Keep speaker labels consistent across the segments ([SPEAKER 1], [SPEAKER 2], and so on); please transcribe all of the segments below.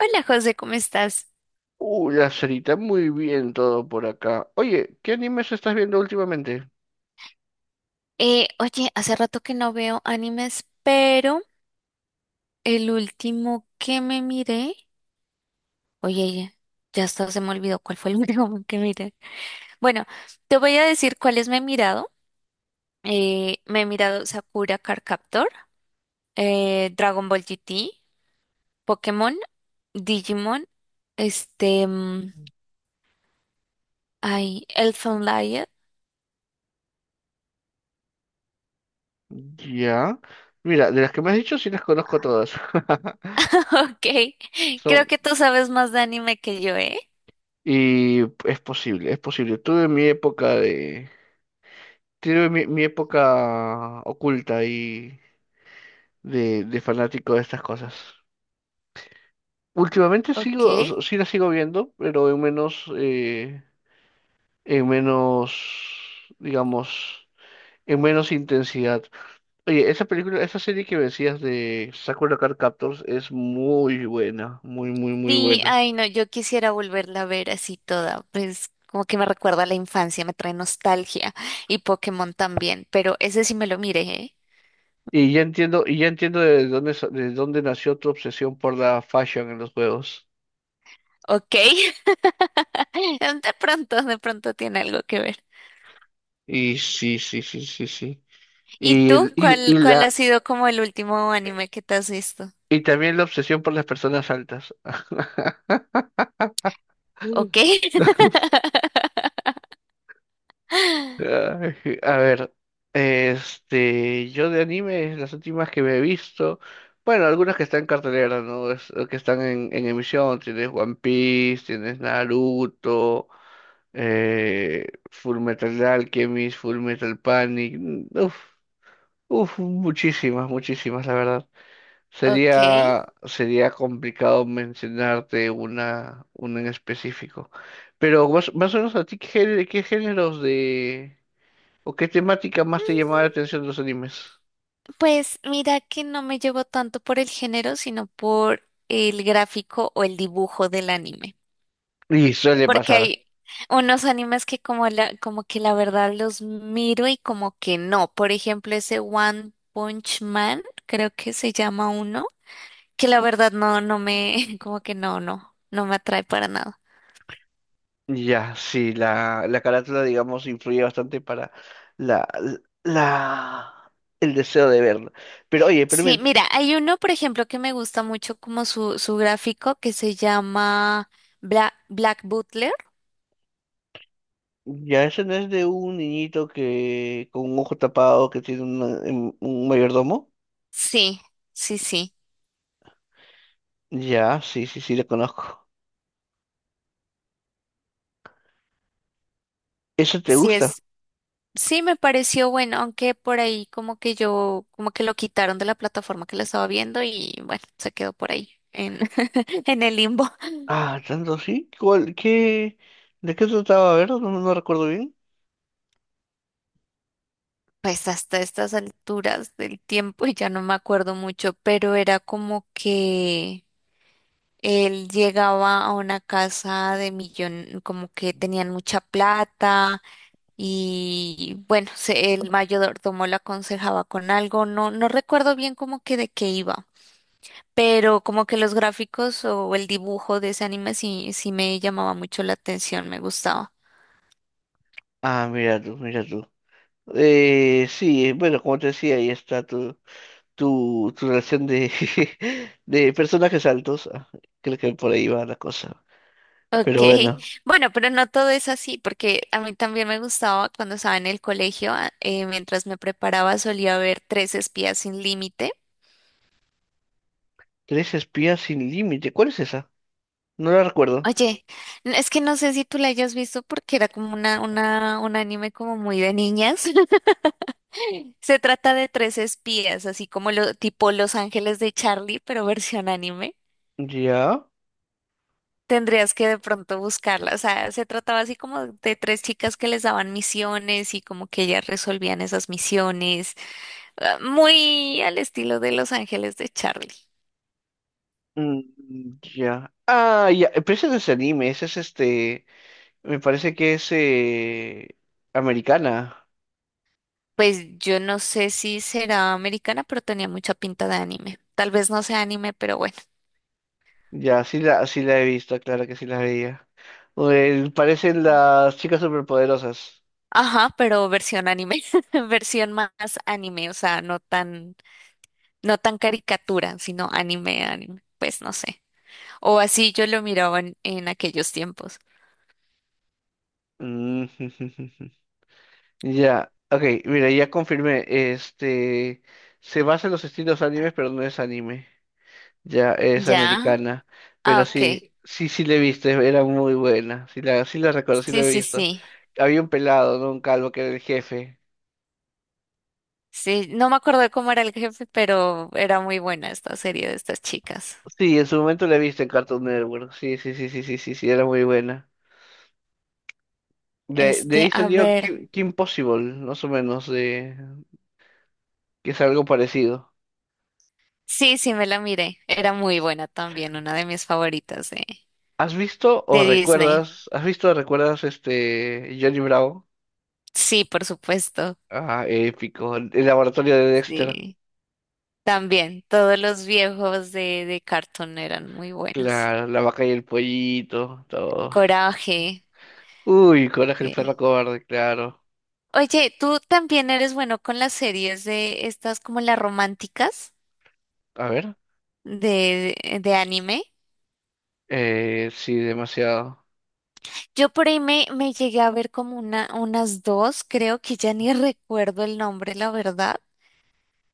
[SPEAKER 1] Hola José, ¿cómo estás?
[SPEAKER 2] La cerita, muy bien todo por acá. Oye, ¿qué animes estás viendo últimamente?
[SPEAKER 1] Oye, hace rato que no veo animes, pero el último que me miré, oye, ya hasta se me olvidó cuál fue el último que miré. Bueno, te voy a decir cuáles me he mirado. Me he mirado Sakura Card Captor, Dragon Ball GT, Pokémon, Digimon, este, mm, ay, Elfen Lied.
[SPEAKER 2] Ya. Mira, de las que me has dicho sí las conozco todas.
[SPEAKER 1] Ok,
[SPEAKER 2] Son,
[SPEAKER 1] creo que tú sabes más de anime que yo, ¿eh?
[SPEAKER 2] y es posible, es posible. Tuve mi época de. Tuve mi época oculta y de fanático de estas cosas. Últimamente
[SPEAKER 1] Ok.
[SPEAKER 2] sigo, o sea, sí las sigo viendo, pero en menos, digamos, en menos intensidad. Oye, esa película, esa serie que me decías de Sakura no Card Captors es muy buena, muy, muy, muy
[SPEAKER 1] Sí,
[SPEAKER 2] buena.
[SPEAKER 1] ay no, yo quisiera volverla a ver así toda, pues como que me recuerda a la infancia, me trae nostalgia y Pokémon también, pero ese sí me lo miré, ¿eh?
[SPEAKER 2] Y ya entiendo de dónde, de dónde nació tu obsesión por la fashion en los juegos.
[SPEAKER 1] Ok, de pronto tiene algo que ver.
[SPEAKER 2] Y sí, sí, sí, sí, sí.
[SPEAKER 1] ¿Y
[SPEAKER 2] Y,
[SPEAKER 1] tú
[SPEAKER 2] el- y, y
[SPEAKER 1] cuál ha
[SPEAKER 2] la,
[SPEAKER 1] sido como el último anime que te has visto?
[SPEAKER 2] y también la obsesión por las personas altas.
[SPEAKER 1] Ok.
[SPEAKER 2] Ay, a ver, yo de animes, las últimas que me he visto, bueno, algunas que están en cartelera, ¿no? Que están en emisión, tienes One Piece, tienes Naruto, Full Metal Alchemist, Full Metal Panic, muchísimas, muchísimas, la verdad.
[SPEAKER 1] Ok.
[SPEAKER 2] Sería, sería complicado mencionarte una en específico. Pero más, más o menos a ti, ¿qué géneros de... ¿O qué temática más te
[SPEAKER 1] Mm,
[SPEAKER 2] llamaba la atención de los animes?
[SPEAKER 1] Pues mira que no me llevo tanto por el género, sino por el gráfico o el dibujo del anime.
[SPEAKER 2] Y suele
[SPEAKER 1] Porque
[SPEAKER 2] pasar.
[SPEAKER 1] hay unos animes que como que la verdad los miro y como que no. Por ejemplo, ese One Punch Man, creo que se llama uno, que la verdad no, no me, como que no me atrae para nada.
[SPEAKER 2] Ya, sí, la carátula, digamos, influye bastante para la, la, el deseo de verla. Pero oye, pero mira,
[SPEAKER 1] Sí, mira, hay uno, por ejemplo, que me gusta mucho como su gráfico, que se llama Black Butler.
[SPEAKER 2] ya eso no es de un niñito que con un ojo tapado que tiene un mayordomo.
[SPEAKER 1] Sí, sí.
[SPEAKER 2] Ya, sí, sí, sí, la conozco. ¿Eso te
[SPEAKER 1] Sí
[SPEAKER 2] gusta?
[SPEAKER 1] es. Sí, me pareció bueno, aunque por ahí como que yo, como que lo quitaron de la plataforma que lo estaba viendo y bueno, se quedó por ahí en, en el limbo.
[SPEAKER 2] Ah, tanto sí. ¿Cuál, qué, de qué trataba? A ver, no, no recuerdo bien.
[SPEAKER 1] Pues hasta estas alturas del tiempo ya no me acuerdo mucho, pero era como que él llegaba a una casa de millón, como que tenían mucha plata y bueno, el mayordomo le aconsejaba con algo, no recuerdo bien como que de qué iba. Pero como que los gráficos o el dibujo de ese anime sí me llamaba mucho la atención, me gustaba.
[SPEAKER 2] Ah, mira tú, mira tú. Sí, bueno, como te decía, ahí está tu, tu, tu relación de, de personajes altos. Ah, creo que por ahí va la cosa.
[SPEAKER 1] Ok,
[SPEAKER 2] Pero bueno,
[SPEAKER 1] bueno, pero no todo es así, porque a mí también me gustaba cuando estaba en el colegio, mientras me preparaba solía ver Tres Espías Sin Límite.
[SPEAKER 2] tres espías sin límite. ¿Cuál es esa? No la recuerdo.
[SPEAKER 1] Oye, es que no sé si tú la hayas visto porque era como un anime como muy de niñas. Se trata de tres espías, así como lo, tipo Los Ángeles de Charlie, pero versión anime.
[SPEAKER 2] Ya.
[SPEAKER 1] Tendrías que de pronto buscarla. O sea, se trataba así como de tres chicas que les daban misiones y como que ellas resolvían esas misiones, ah, muy al estilo de Los Ángeles de Charlie.
[SPEAKER 2] Mm, ya. Ah, ya. Pero ese no es anime, ese es este. Me parece que es americana.
[SPEAKER 1] Pues yo no sé si será americana, pero tenía mucha pinta de anime. Tal vez no sea anime, pero bueno.
[SPEAKER 2] Ya, sí la, sí la he visto, claro que sí la veía. Parecen las chicas superpoderosas.
[SPEAKER 1] Ajá, pero versión anime, versión más anime, o sea, no tan, no tan caricatura, sino anime, anime. Pues no sé. O así yo lo miraba en aquellos tiempos.
[SPEAKER 2] Mm. Ya, ok, mira, ya confirmé. Este se basa en los estilos animes, pero no es anime. Ya es
[SPEAKER 1] Ya,
[SPEAKER 2] americana.
[SPEAKER 1] ah,
[SPEAKER 2] Pero
[SPEAKER 1] ok.
[SPEAKER 2] sí, sí, sí la he visto, era muy buena. Sí la, sí la recuerdo, sí la
[SPEAKER 1] Sí,
[SPEAKER 2] he
[SPEAKER 1] sí,
[SPEAKER 2] visto.
[SPEAKER 1] sí.
[SPEAKER 2] Había un pelado, ¿no? Un calvo que era el jefe.
[SPEAKER 1] Sí, no me acuerdo de cómo era el jefe, pero era muy buena esta serie de estas chicas.
[SPEAKER 2] Sí, en su momento la he visto en Cartoon Network. Sí, sí, sí, sí, sí, sí, sí, era muy buena. De
[SPEAKER 1] Este,
[SPEAKER 2] ahí
[SPEAKER 1] a
[SPEAKER 2] salió
[SPEAKER 1] ver.
[SPEAKER 2] Kim, Kim Possible, más o menos, de que es algo parecido.
[SPEAKER 1] Sí, sí, me la miré. Era muy buena también, una de mis favoritas
[SPEAKER 2] ¿Has visto o
[SPEAKER 1] de Disney.
[SPEAKER 2] recuerdas? ¿Has visto o recuerdas este Johnny Bravo?
[SPEAKER 1] Sí, por supuesto.
[SPEAKER 2] Ah, épico. El laboratorio de Dexter.
[SPEAKER 1] Sí. También, todos los viejos de Cartoon eran muy buenos.
[SPEAKER 2] Claro, la vaca y el pollito, todos.
[SPEAKER 1] Coraje.
[SPEAKER 2] Uy, Coraje el
[SPEAKER 1] Sí.
[SPEAKER 2] perro cobarde, claro.
[SPEAKER 1] Oye, ¿tú también eres bueno con las series de estas como las románticas
[SPEAKER 2] A ver.
[SPEAKER 1] de de anime?
[SPEAKER 2] Sí, demasiado.
[SPEAKER 1] Yo por ahí me llegué a ver como una, unas dos, creo que ya ni recuerdo el nombre, la verdad.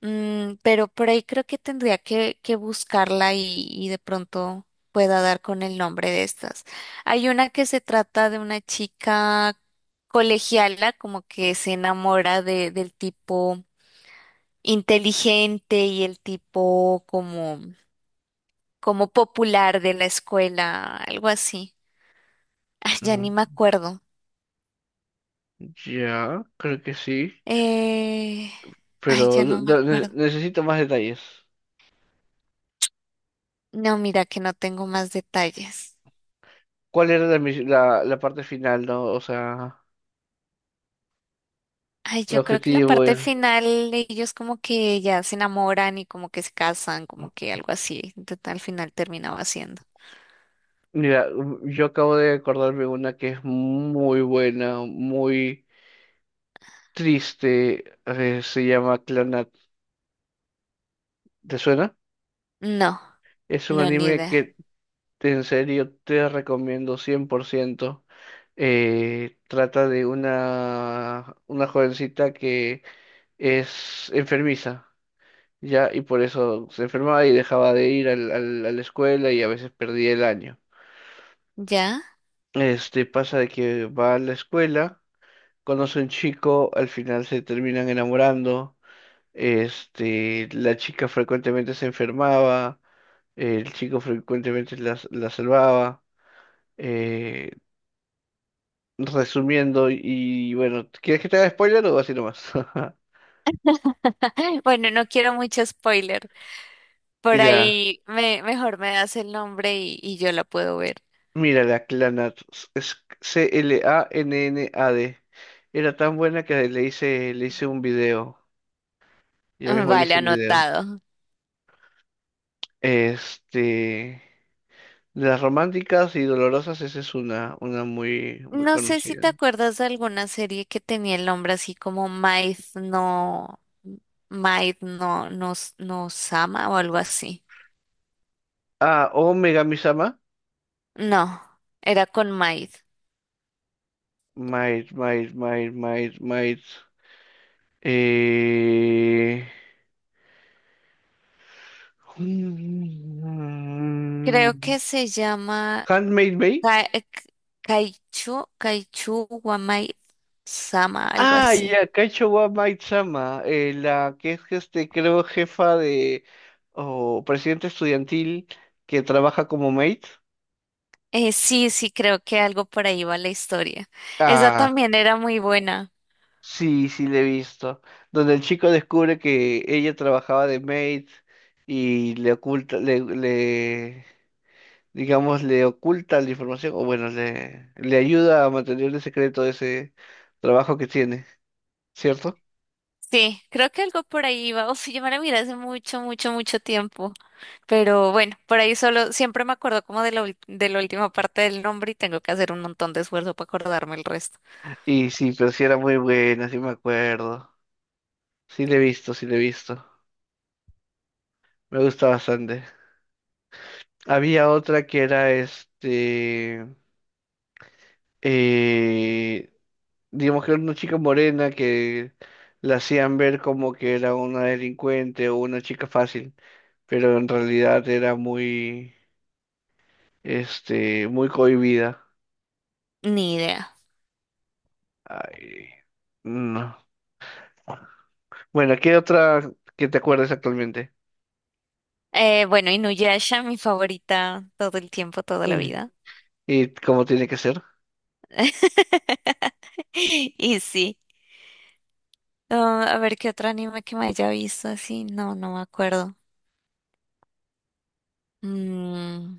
[SPEAKER 1] Pero por ahí creo que tendría que buscarla y de pronto pueda dar con el nombre de estas. Hay una que se trata de una chica colegiala, como que se enamora del tipo inteligente y el tipo como, como popular de la escuela, algo así. Ah, ya
[SPEAKER 2] Ah,
[SPEAKER 1] ni me acuerdo.
[SPEAKER 2] ya, creo que sí.
[SPEAKER 1] Eh,
[SPEAKER 2] Pero
[SPEAKER 1] ay, ya no me acuerdo.
[SPEAKER 2] necesito más detalles.
[SPEAKER 1] No, mira que no tengo más detalles.
[SPEAKER 2] ¿Cuál era la, la, la parte final, no? O sea,
[SPEAKER 1] Ay,
[SPEAKER 2] el
[SPEAKER 1] yo creo que la
[SPEAKER 2] objetivo.
[SPEAKER 1] parte final ellos como que ya se enamoran y como que se casan, como que algo así. Entonces, al final terminaba haciendo.
[SPEAKER 2] Mira, yo acabo de acordarme una que es muy buena, muy triste. Se llama Clanat. ¿Te suena?
[SPEAKER 1] No,
[SPEAKER 2] Es un
[SPEAKER 1] no, ni
[SPEAKER 2] anime
[SPEAKER 1] idea.
[SPEAKER 2] que en serio te recomiendo 100%. Trata de una jovencita que es enfermiza, ¿ya? Y por eso se enfermaba y dejaba de ir a la escuela y a veces perdía el año.
[SPEAKER 1] ¿Ya?
[SPEAKER 2] Este pasa de que va a la escuela, conoce a un chico, al final se terminan enamorando. Este, la chica frecuentemente se enfermaba, el chico frecuentemente la, la salvaba. Eh, resumiendo, y bueno, ¿quieres que te haga spoiler o así nomás?
[SPEAKER 1] Bueno, no quiero mucho spoiler. Por
[SPEAKER 2] Ya,
[SPEAKER 1] ahí mejor me das el nombre y yo la puedo ver.
[SPEAKER 2] mira la Clanat, es C-L-A-N-N-A-D. Era tan buena que le hice un video. Yo mismo le
[SPEAKER 1] Vale,
[SPEAKER 2] hice un video.
[SPEAKER 1] anotado.
[SPEAKER 2] Este, de las románticas y dolorosas, esa es una muy, muy
[SPEAKER 1] No sé si
[SPEAKER 2] conocida.
[SPEAKER 1] te acuerdas de alguna serie que tenía el nombre así como Maid no, no, no Sama o algo así.
[SPEAKER 2] Ah, o Megami-sama.
[SPEAKER 1] No, era con Maid.
[SPEAKER 2] Might, might, might, might, might. Eh...
[SPEAKER 1] Creo
[SPEAKER 2] mm,
[SPEAKER 1] que se llama
[SPEAKER 2] Handmade Bay.
[SPEAKER 1] Ka- eh, Kaichu wa Maid Sama, algo
[SPEAKER 2] Ah,
[SPEAKER 1] así.
[SPEAKER 2] ya, Kaicho wa Maid-sama, la que es, este, creo, jefa de, o presidente estudiantil que trabaja como maid.
[SPEAKER 1] Sí, sí, creo que algo por ahí va la historia. Esa
[SPEAKER 2] Ah,
[SPEAKER 1] también era muy buena.
[SPEAKER 2] sí, sí, le he visto. Donde el chico descubre que ella trabajaba de maid y le oculta, le, digamos, le oculta la información, o bueno, le ayuda a mantener el secreto de ese trabajo que tiene, ¿cierto?
[SPEAKER 1] Sí, creo que algo por ahí va. Uf, yo me la miré hace mucho, mucho, mucho tiempo. Pero bueno, por ahí solo siempre me acuerdo como de de la última parte del nombre y tengo que hacer un montón de esfuerzo para acordarme el resto.
[SPEAKER 2] Y sí, pero sí era muy buena, sí me acuerdo. Sí, le he visto, sí, le he visto. Me gusta bastante. Había otra que era este. eh, digamos que era una chica morena que la hacían ver como que era una delincuente o una chica fácil, pero en realidad era muy, este, muy cohibida.
[SPEAKER 1] Ni idea.
[SPEAKER 2] Ay, no. Bueno, ¿qué otra que te acuerdes actualmente?
[SPEAKER 1] Bueno, Inuyasha, mi favorita todo el tiempo, toda la
[SPEAKER 2] Mm,
[SPEAKER 1] vida.
[SPEAKER 2] ¿Y cómo tiene que ser?
[SPEAKER 1] Y sí. Ah, a ver qué otro anime que me haya visto así. No, no me acuerdo. Mm,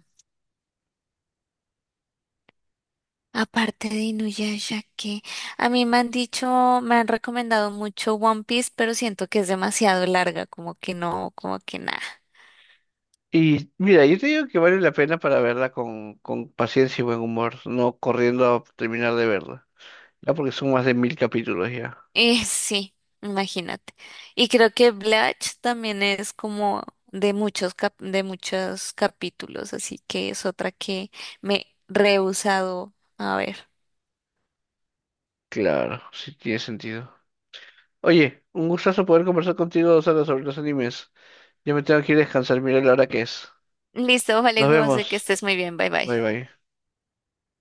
[SPEAKER 1] Aparte de Inuyasha, que a mí me han dicho, me han recomendado mucho One Piece, pero siento que es demasiado larga, como que no, como que nada.
[SPEAKER 2] Y mira, yo te digo que vale la pena para verla con paciencia y buen humor, no corriendo a terminar de verla. Ya porque son más de 1000 capítulos ya.
[SPEAKER 1] Sí, imagínate. Y creo que Blatch también es como de muchos de muchos capítulos, así que es otra que me he rehusado a ver.
[SPEAKER 2] Claro, sí tiene sentido. Oye, un gustazo poder conversar contigo 2 horas sobre los animes. Ya me tengo que ir a descansar, mira la hora que es.
[SPEAKER 1] Listo, vale,
[SPEAKER 2] Nos
[SPEAKER 1] José, que
[SPEAKER 2] vemos.
[SPEAKER 1] estés muy bien. Bye bye.
[SPEAKER 2] Bye bye.